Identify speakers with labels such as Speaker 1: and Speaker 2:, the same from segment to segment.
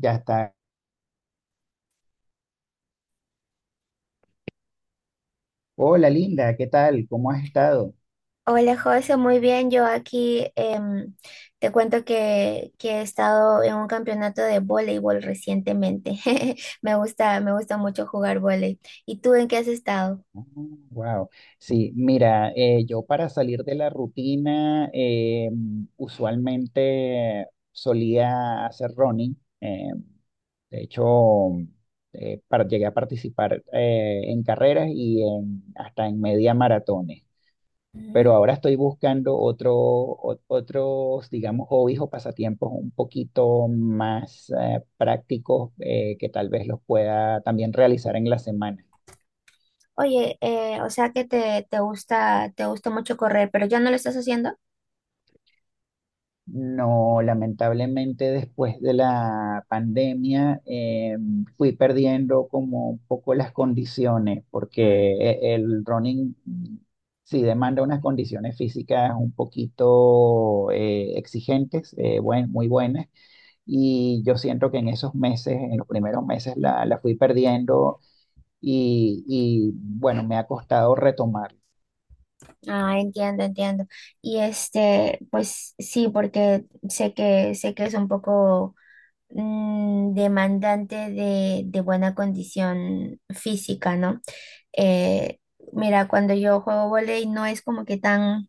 Speaker 1: Ya está. Hola, Linda, ¿qué tal? ¿Cómo has estado?
Speaker 2: Hola José, muy bien. Yo aquí te cuento que he estado en un campeonato de voleibol recientemente. Me gusta mucho jugar voleibol. ¿Y tú en qué has estado?
Speaker 1: Wow. Sí, mira, yo para salir de la rutina, usualmente solía hacer running. De hecho, llegué a participar en carreras hasta en media maratón.
Speaker 2: Mm.
Speaker 1: Pero ahora estoy buscando otro, otros, digamos, hobbies o pasatiempos un poquito más prácticos que tal vez los pueda también realizar en la semana.
Speaker 2: Oye, o sea que te gusta mucho correr, pero ya no lo estás haciendo.
Speaker 1: No, lamentablemente después de la pandemia fui perdiendo como un poco las condiciones,
Speaker 2: Mm.
Speaker 1: porque el running sí demanda unas condiciones físicas un poquito exigentes, muy buenas, y yo siento que en esos meses, en los primeros meses, la fui perdiendo y bueno, me ha costado retomar.
Speaker 2: Ah, entiendo, entiendo. Y este, pues sí, porque sé que es un poco demandante de buena condición física, ¿no? Eh, Mira, cuando yo juego vóley no es como que tan,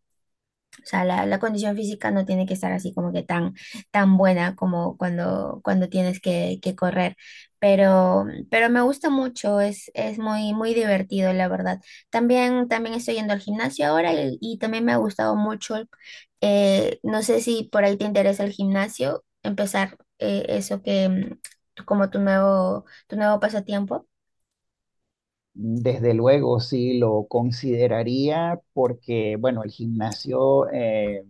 Speaker 2: o sea, la condición física no tiene que estar así como que tan, tan buena como cuando tienes que correr. Pero me gusta mucho, es muy, muy divertido, la verdad. También estoy yendo al gimnasio ahora y también me ha gustado mucho. No sé si por ahí te interesa el gimnasio, empezar eso que como tu nuevo pasatiempo.
Speaker 1: Desde luego, sí, lo consideraría porque, bueno, el gimnasio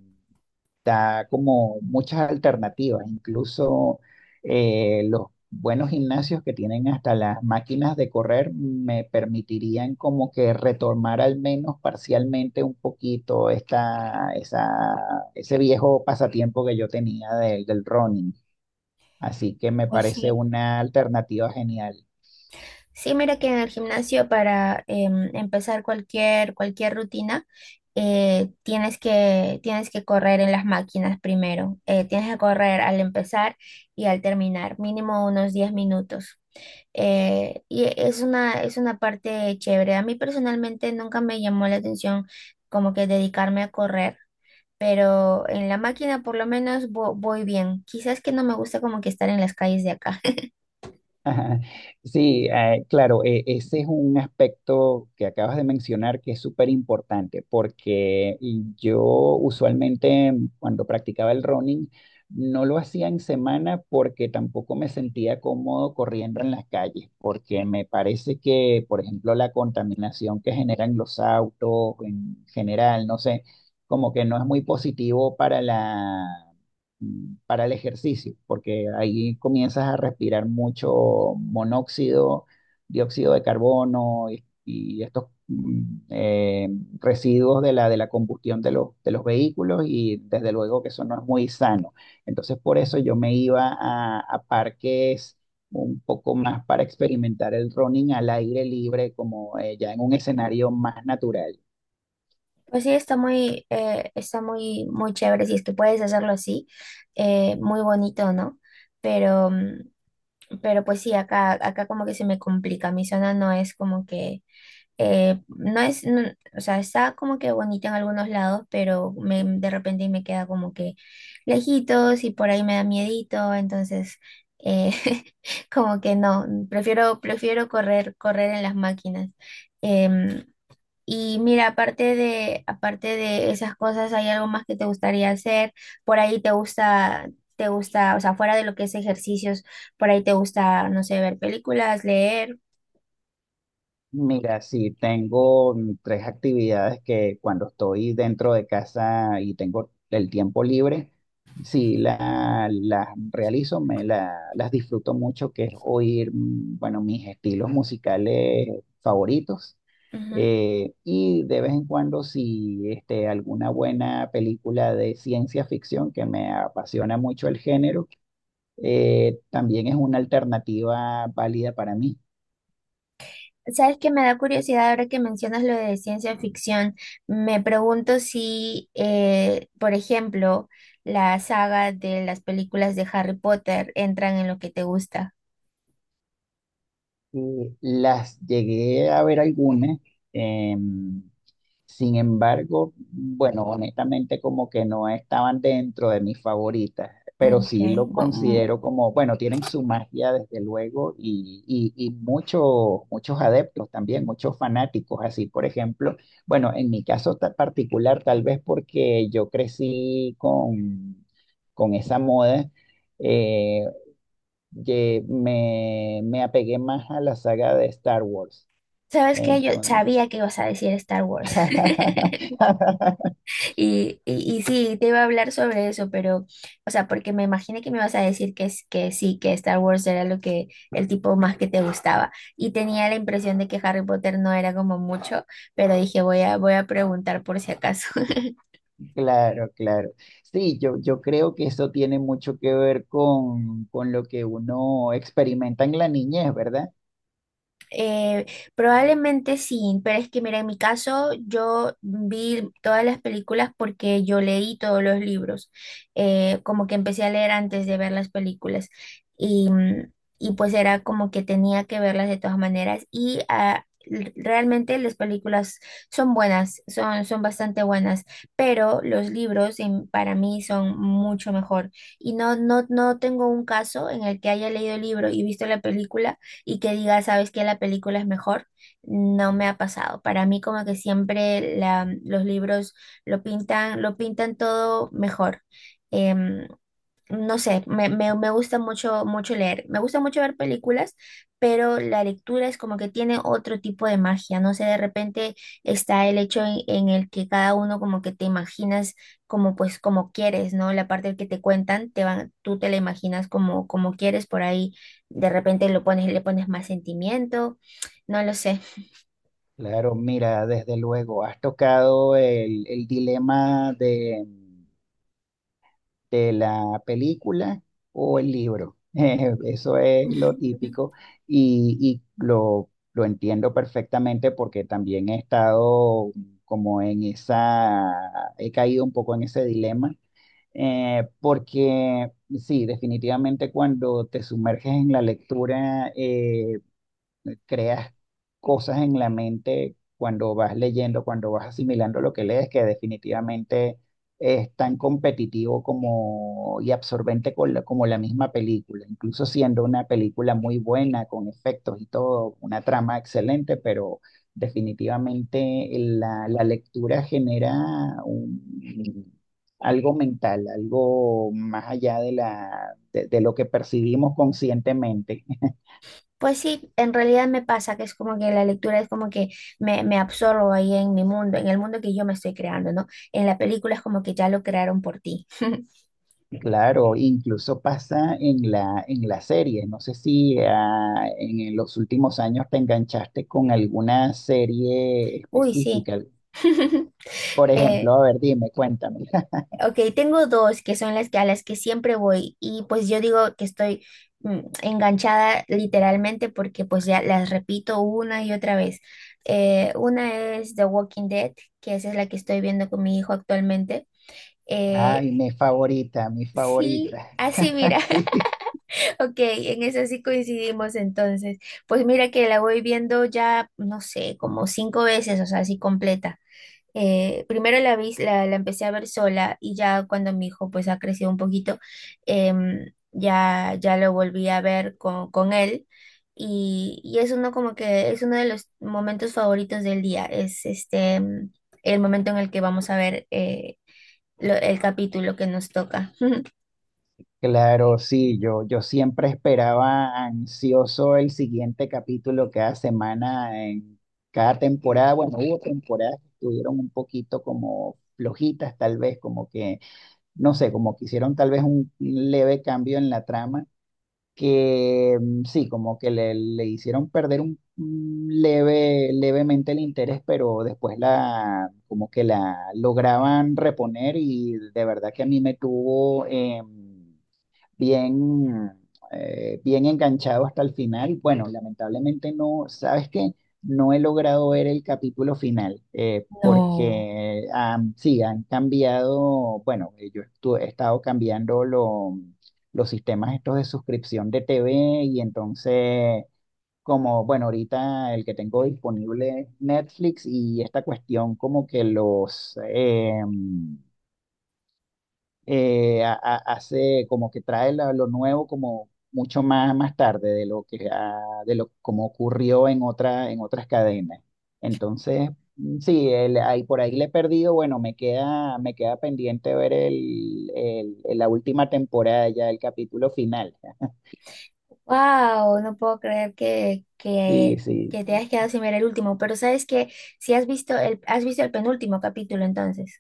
Speaker 1: da como muchas alternativas, incluso los buenos gimnasios que tienen hasta las máquinas de correr me permitirían como que retomar al menos parcialmente un poquito esta, esa, ese viejo pasatiempo que yo tenía del running. Así que me
Speaker 2: Pues
Speaker 1: parece
Speaker 2: sí.
Speaker 1: una alternativa genial.
Speaker 2: Sí, mira que en el gimnasio para empezar cualquier rutina, tienes que correr en las máquinas primero. Tienes que correr al empezar y al terminar, mínimo unos 10 minutos. Y es una parte chévere. A mí personalmente nunca me llamó la atención como que dedicarme a correr, pero en la máquina por lo menos voy bien. Quizás que no me gusta como que estar en las calles de acá.
Speaker 1: Ajá. Sí, claro, ese es un aspecto que acabas de mencionar que es súper importante, porque y yo usualmente cuando practicaba el running no lo hacía en semana porque tampoco me sentía cómodo corriendo en las calles, porque me parece que, por ejemplo, la contaminación que generan los autos en general, no sé, como que no es muy positivo para la, para el ejercicio, porque ahí comienzas a respirar mucho monóxido, dióxido de carbono y estos eh, residuos de de la combustión de de los vehículos, y desde luego que eso no es muy sano. Entonces por eso yo me iba a parques un poco más para experimentar el running al aire libre, como ya en un escenario más natural.
Speaker 2: Pues sí, está está muy, muy chévere si es que puedes hacerlo así, muy bonito, ¿no? Pero, mm, pero pues sí, acá como que se me complica. Mi zona no es como que. No es, no-, o sea, está como que bonita en algunos lados, pero de repente me queda como que lejitos y por ahí me da miedito. Entonces eh, como que no, prefiero correr, correr en las máquinas. Em, y mira, aparte de, esas cosas, ¿hay algo más que te gustaría hacer? Por ahí te gusta, o sea, fuera de lo que es ejercicios, por ahí te gusta, no sé, ver películas, leer.
Speaker 1: Mira, sí, tengo tres actividades que cuando estoy dentro de casa y tengo el tiempo libre, sí, las realizo, me las disfruto mucho, que es oír, bueno, mis estilos musicales favoritos. Y de vez en cuando, si este, alguna buena película de ciencia ficción, que me apasiona mucho el género, también es una alternativa válida para mí.
Speaker 2: Sabes que me da curiosidad ahora que mencionas lo de ciencia ficción. Me pregunto si, por ejemplo, la saga de las películas de Harry Potter entran en lo que te gusta.
Speaker 1: Las llegué a ver algunas, em, sin embargo, bueno, honestamente como que no estaban dentro de mis favoritas,
Speaker 2: Mm,
Speaker 1: pero
Speaker 2: ok.
Speaker 1: sí lo
Speaker 2: Bu- mm,
Speaker 1: considero como, bueno, tienen su magia desde luego y muchos, muchos adeptos también, muchos fanáticos, así por ejemplo, bueno, en mi caso particular, tal vez porque yo crecí con esa moda. eh, que me apegué más a la saga de Star Wars.
Speaker 2: ¿Sabes qué? Yo
Speaker 1: Entonces,
Speaker 2: sabía que ibas a decir Star Wars. Y sí, te iba a hablar sobre eso, pero, o sea, porque me imaginé que me ibas a decir que sí, que Star Wars era lo que, el tipo más que te gustaba. Y tenía la impresión de que Harry Potter no era como mucho, pero dije, voy a preguntar por si acaso.
Speaker 1: claro, claro. Sí, yo creo que eso tiene mucho que ver con lo que uno experimenta en la niñez, ¿verdad?
Speaker 2: Eh, Probablemente sí, pero es que mira, en mi caso yo vi todas las películas porque yo leí todos los libros, como que empecé a leer antes de ver las películas y, mm, y pues era como que tenía que verlas de todas maneras y realmente las películas son buenas, son bastante buenas, pero los libros para mí son mucho mejor y no tengo un caso en el que haya leído el libro y visto la película y que diga, sabes que la película es mejor. No me ha pasado. Para mí como que siempre los libros lo pintan todo mejor. Em, no sé, me gusta mucho, mucho leer. Me gusta mucho ver películas, pero la lectura es como que tiene otro tipo de magia. No sé, de repente está el hecho en, el que cada uno como que te imaginas como pues como quieres, ¿no? La parte que te cuentan, te van, tú te la imaginas como quieres por ahí. De repente lo pones, le pones más sentimiento, no lo sé.
Speaker 1: Claro, mira, desde luego, has tocado el dilema de la película o el libro. Eso es lo típico y, y lo entiendo perfectamente porque también he estado como en esa, he caído un poco en ese dilema, porque sí, definitivamente cuando te sumerges en la lectura, creas cosas en la mente cuando vas leyendo, cuando vas asimilando lo que lees, que definitivamente es tan competitivo como, y absorbente con como la misma película, incluso siendo una película muy buena, con efectos y todo, una trama excelente, pero definitivamente la lectura genera un, algo mental, algo más allá de la, de lo que percibimos conscientemente.
Speaker 2: Pues sí, en realidad me pasa que es como que la lectura es como que me absorbo ahí en mi mundo, en el mundo que yo me estoy creando, ¿no? En la película es como que ya lo crearon por ti.
Speaker 1: Claro, incluso pasa en la serie. No sé si en los últimos años te enganchaste con alguna serie
Speaker 2: Uy, sí.
Speaker 1: específica. Por ejemplo,
Speaker 2: Eh,
Speaker 1: a ver, dime, cuéntame.
Speaker 2: ok, tengo dos que son las que a las que siempre voy y pues yo digo que estoy enganchada literalmente porque pues ya las repito una y otra vez. Una es The Walking Dead, que esa es la que estoy viendo con mi hijo actualmente. Eh,
Speaker 1: Ay, mi favorita, mi favorita.
Speaker 2: sí, así mira.
Speaker 1: Sí,
Speaker 2: Ok, en eso sí coincidimos entonces. Pues mira que la voy viendo ya, no sé, como cinco veces, o sea, así completa. Primero la vi, la empecé a ver sola y ya cuando mi hijo pues ha crecido un poquito, ya lo volví a ver con, él y es uno como que es uno de los momentos favoritos del día, es este, el momento en el que vamos a ver el capítulo que nos toca.
Speaker 1: claro, sí, yo siempre esperaba ansioso el siguiente capítulo cada semana en cada temporada. Bueno, hubo temporadas que estuvieron un poquito como flojitas, tal vez, como que no sé, como que hicieron tal vez un leve cambio en la trama, que sí, como que le hicieron perder un levemente el interés, pero después la, como que la lograban reponer y de verdad que a mí me tuvo bien, bien enganchado hasta el final. Bueno, lamentablemente no, ¿sabes qué? No he logrado ver el capítulo final porque sí, han cambiado, bueno, he estado cambiando los sistemas estos de suscripción de TV, y entonces, como, bueno, ahorita el que tengo disponible es Netflix, y esta cuestión como que los hace como que trae lo nuevo como mucho más, más tarde de lo que de lo como ocurrió en otra, en otras cadenas. Entonces, sí, el, ahí, por ahí le he perdido, bueno, me queda pendiente ver la última temporada, ya el capítulo final.
Speaker 2: Wow, no puedo creer que,
Speaker 1: Sí,
Speaker 2: que,
Speaker 1: sí.
Speaker 2: que te hayas quedado sin ver el último, pero sabes que, si has visto el penúltimo capítulo entonces,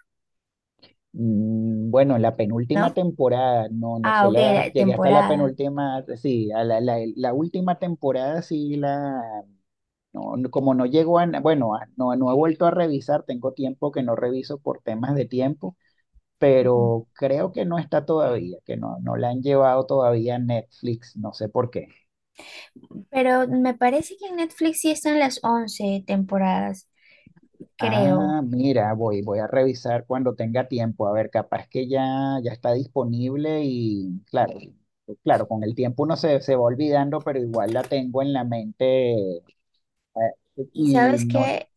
Speaker 1: Mm, bueno, la penúltima
Speaker 2: ¿no?
Speaker 1: temporada, no, no
Speaker 2: Ah,
Speaker 1: solo
Speaker 2: ok, la
Speaker 1: llegué hasta la
Speaker 2: temporada.
Speaker 1: penúltima, sí, a la, la, la última temporada sí la. No, como no llegó a, bueno, no, no he vuelto a revisar, tengo tiempo que no reviso por temas de tiempo,
Speaker 2: Ujú.
Speaker 1: pero creo que no está todavía, que no, no la han llevado todavía a Netflix, no sé por qué.
Speaker 2: Pero me parece que en Netflix sí están las 11 temporadas,
Speaker 1: Ah,
Speaker 2: creo.
Speaker 1: mira, voy, voy a revisar cuando tenga tiempo, a ver, capaz que ya, ya está disponible y claro, claro, con el tiempo uno se, se va olvidando, pero igual la tengo en la mente, eh,
Speaker 2: Y
Speaker 1: y
Speaker 2: sabes
Speaker 1: no,
Speaker 2: que.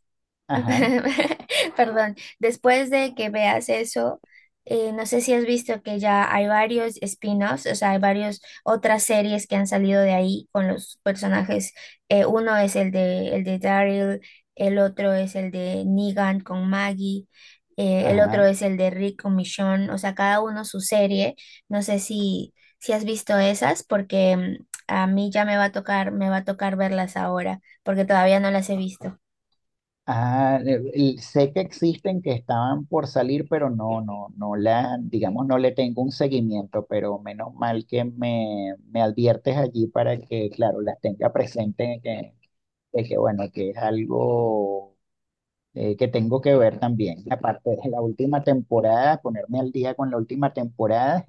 Speaker 1: ajá,
Speaker 2: Perdón, después de que veas eso, no sé si has visto que ya hay varios spin-offs, o sea, hay varias otras series que han salido de ahí con los personajes. Uno es el de, Daryl, el otro es el de Negan con Maggie, el
Speaker 1: ajá.
Speaker 2: otro es el de Rick con Michonne, o sea, cada uno su serie. No sé si has visto esas, porque a mí ya me va a tocar verlas ahora, porque todavía no las he visto.
Speaker 1: Ah, sé que existen, que estaban por salir, pero no, no, no la, digamos, no le tengo un seguimiento, pero menos mal que me adviertes allí para que, claro, las tenga presente, que, de que bueno, que es algo que tengo que ver también. Aparte de la última temporada, ponerme al día con la última temporada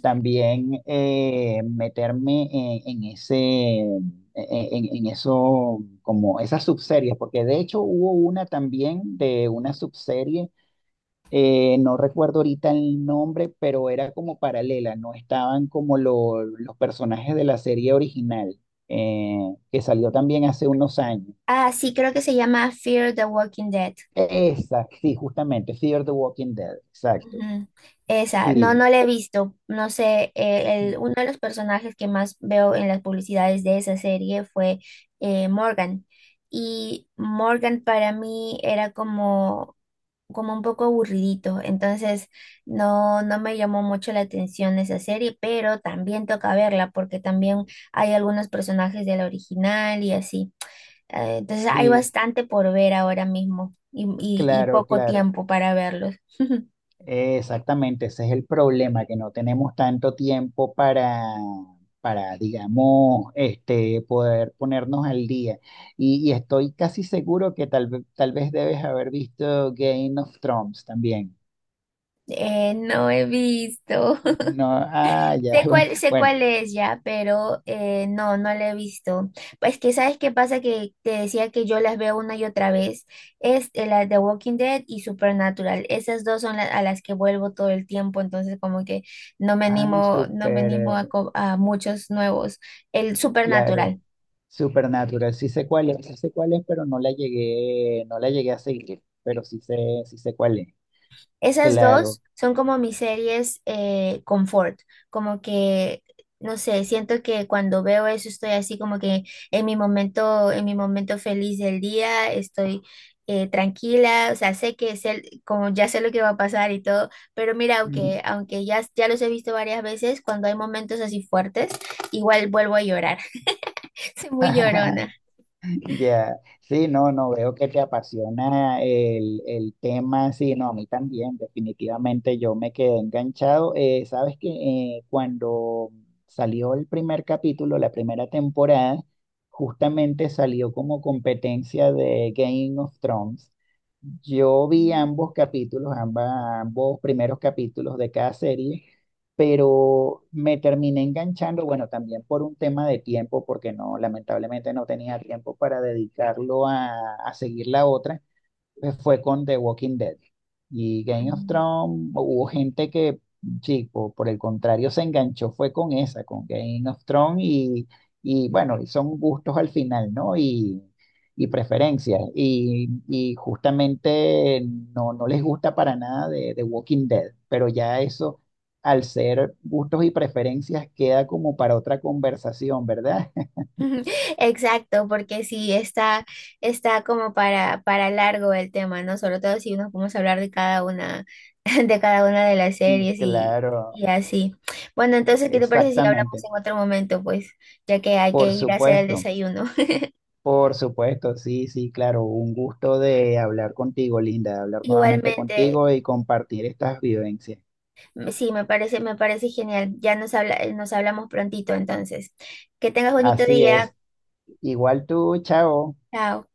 Speaker 1: también meterme en ese, en eso, como esas subseries, porque de hecho hubo una también de una subserie, no recuerdo ahorita el nombre, pero era como paralela, no estaban como los personajes de la serie original, eh, que salió también hace unos años.
Speaker 2: Ah, sí, creo que se llama Fear the Walking Dead.
Speaker 1: Esa, sí, justamente, Fear the Walking Dead, exacto.
Speaker 2: Ujú. Esa, no
Speaker 1: Sí,
Speaker 2: la he visto. No sé, uno de los personajes que más veo en las publicidades de esa serie fue Morgan. Y Morgan para mí era como un poco aburridito. Entonces, no me llamó mucho la atención esa serie, pero también toca verla porque también hay algunos personajes de la original y así. Entonces hay
Speaker 1: sí,
Speaker 2: bastante por ver ahora mismo y
Speaker 1: claro,
Speaker 2: poco
Speaker 1: claro.
Speaker 2: tiempo para verlos.
Speaker 1: Exactamente, ese es el problema, que no tenemos tanto tiempo para, digamos, este, poder ponernos al día. Y estoy casi seguro que tal, tal vez debes haber visto Game of Thrones también.
Speaker 2: No he visto.
Speaker 1: No, ah, ya,
Speaker 2: Sé cuál, sé
Speaker 1: bueno,
Speaker 2: cuál es ya, pero no la he visto. Pues que sabes qué pasa que te decía que yo las veo una y otra vez. Es la de Walking Dead y Supernatural. Esas dos son las a las que vuelvo todo el tiempo, entonces como que no me
Speaker 1: ah,
Speaker 2: animo, no me
Speaker 1: súper,
Speaker 2: animo a, co- a muchos nuevos. El
Speaker 1: claro,
Speaker 2: Supernatural.
Speaker 1: Supernatural, sí sé cuál es, sí sé cuál es, pero no la llegué, no la llegué a seguir, pero sí sé cuál es,
Speaker 2: Esas
Speaker 1: claro.
Speaker 2: dos son como mis series confort, como que, no sé, siento que cuando veo eso estoy así como que en mi momento feliz del día, estoy tranquila, o sea, sé que es como ya sé lo que va a pasar y todo, pero mira, aunque ya, los he visto varias veces, cuando hay momentos así fuertes, igual vuelvo a llorar. Soy muy llorona.
Speaker 1: Ya, sí, no, no, veo que te apasiona el tema, sí, no, a mí también, definitivamente yo me quedé enganchado. Sabes que cuando salió el primer capítulo, la primera temporada, justamente salió como competencia de Game of Thrones. Yo vi ambos capítulos, ambas, ambos primeros capítulos de cada serie, pero me terminé enganchando, bueno, también por un tema de tiempo, porque no, lamentablemente no tenía tiempo para dedicarlo a seguir la otra, fue con The Walking Dead. Y Game of
Speaker 2: Mm.
Speaker 1: Thrones, hubo gente que, chico, por el contrario, se enganchó, fue con esa, con Game of Thrones, y bueno, y son gustos al final, ¿no? Y preferencias. Y justamente no, no les gusta para nada de, de Walking Dead, pero ya eso, al ser gustos y preferencias, queda como para otra conversación, ¿verdad?
Speaker 2: Ujú. Exacto, porque sí, está como para largo el tema, ¿no? Sobre todo si nos podemos hablar de cada una, de cada una de las series, y,
Speaker 1: Claro,
Speaker 2: y así. Bueno, entonces, ¿qué te parece si hablamos
Speaker 1: exactamente.
Speaker 2: en otro momento? Pues, ya que hay que
Speaker 1: Por
Speaker 2: ir a hacer el
Speaker 1: supuesto.
Speaker 2: desayuno.
Speaker 1: Por supuesto, sí, sí, claro. Un gusto de hablar contigo, Linda, de hablar nuevamente
Speaker 2: Igualmente,
Speaker 1: contigo y compartir estas vivencias.
Speaker 2: sí, me parece, genial. Ya nos hablamos prontito, entonces. Que tengas bonito
Speaker 1: Así
Speaker 2: día.
Speaker 1: es. Igual tú, chao.
Speaker 2: Chao.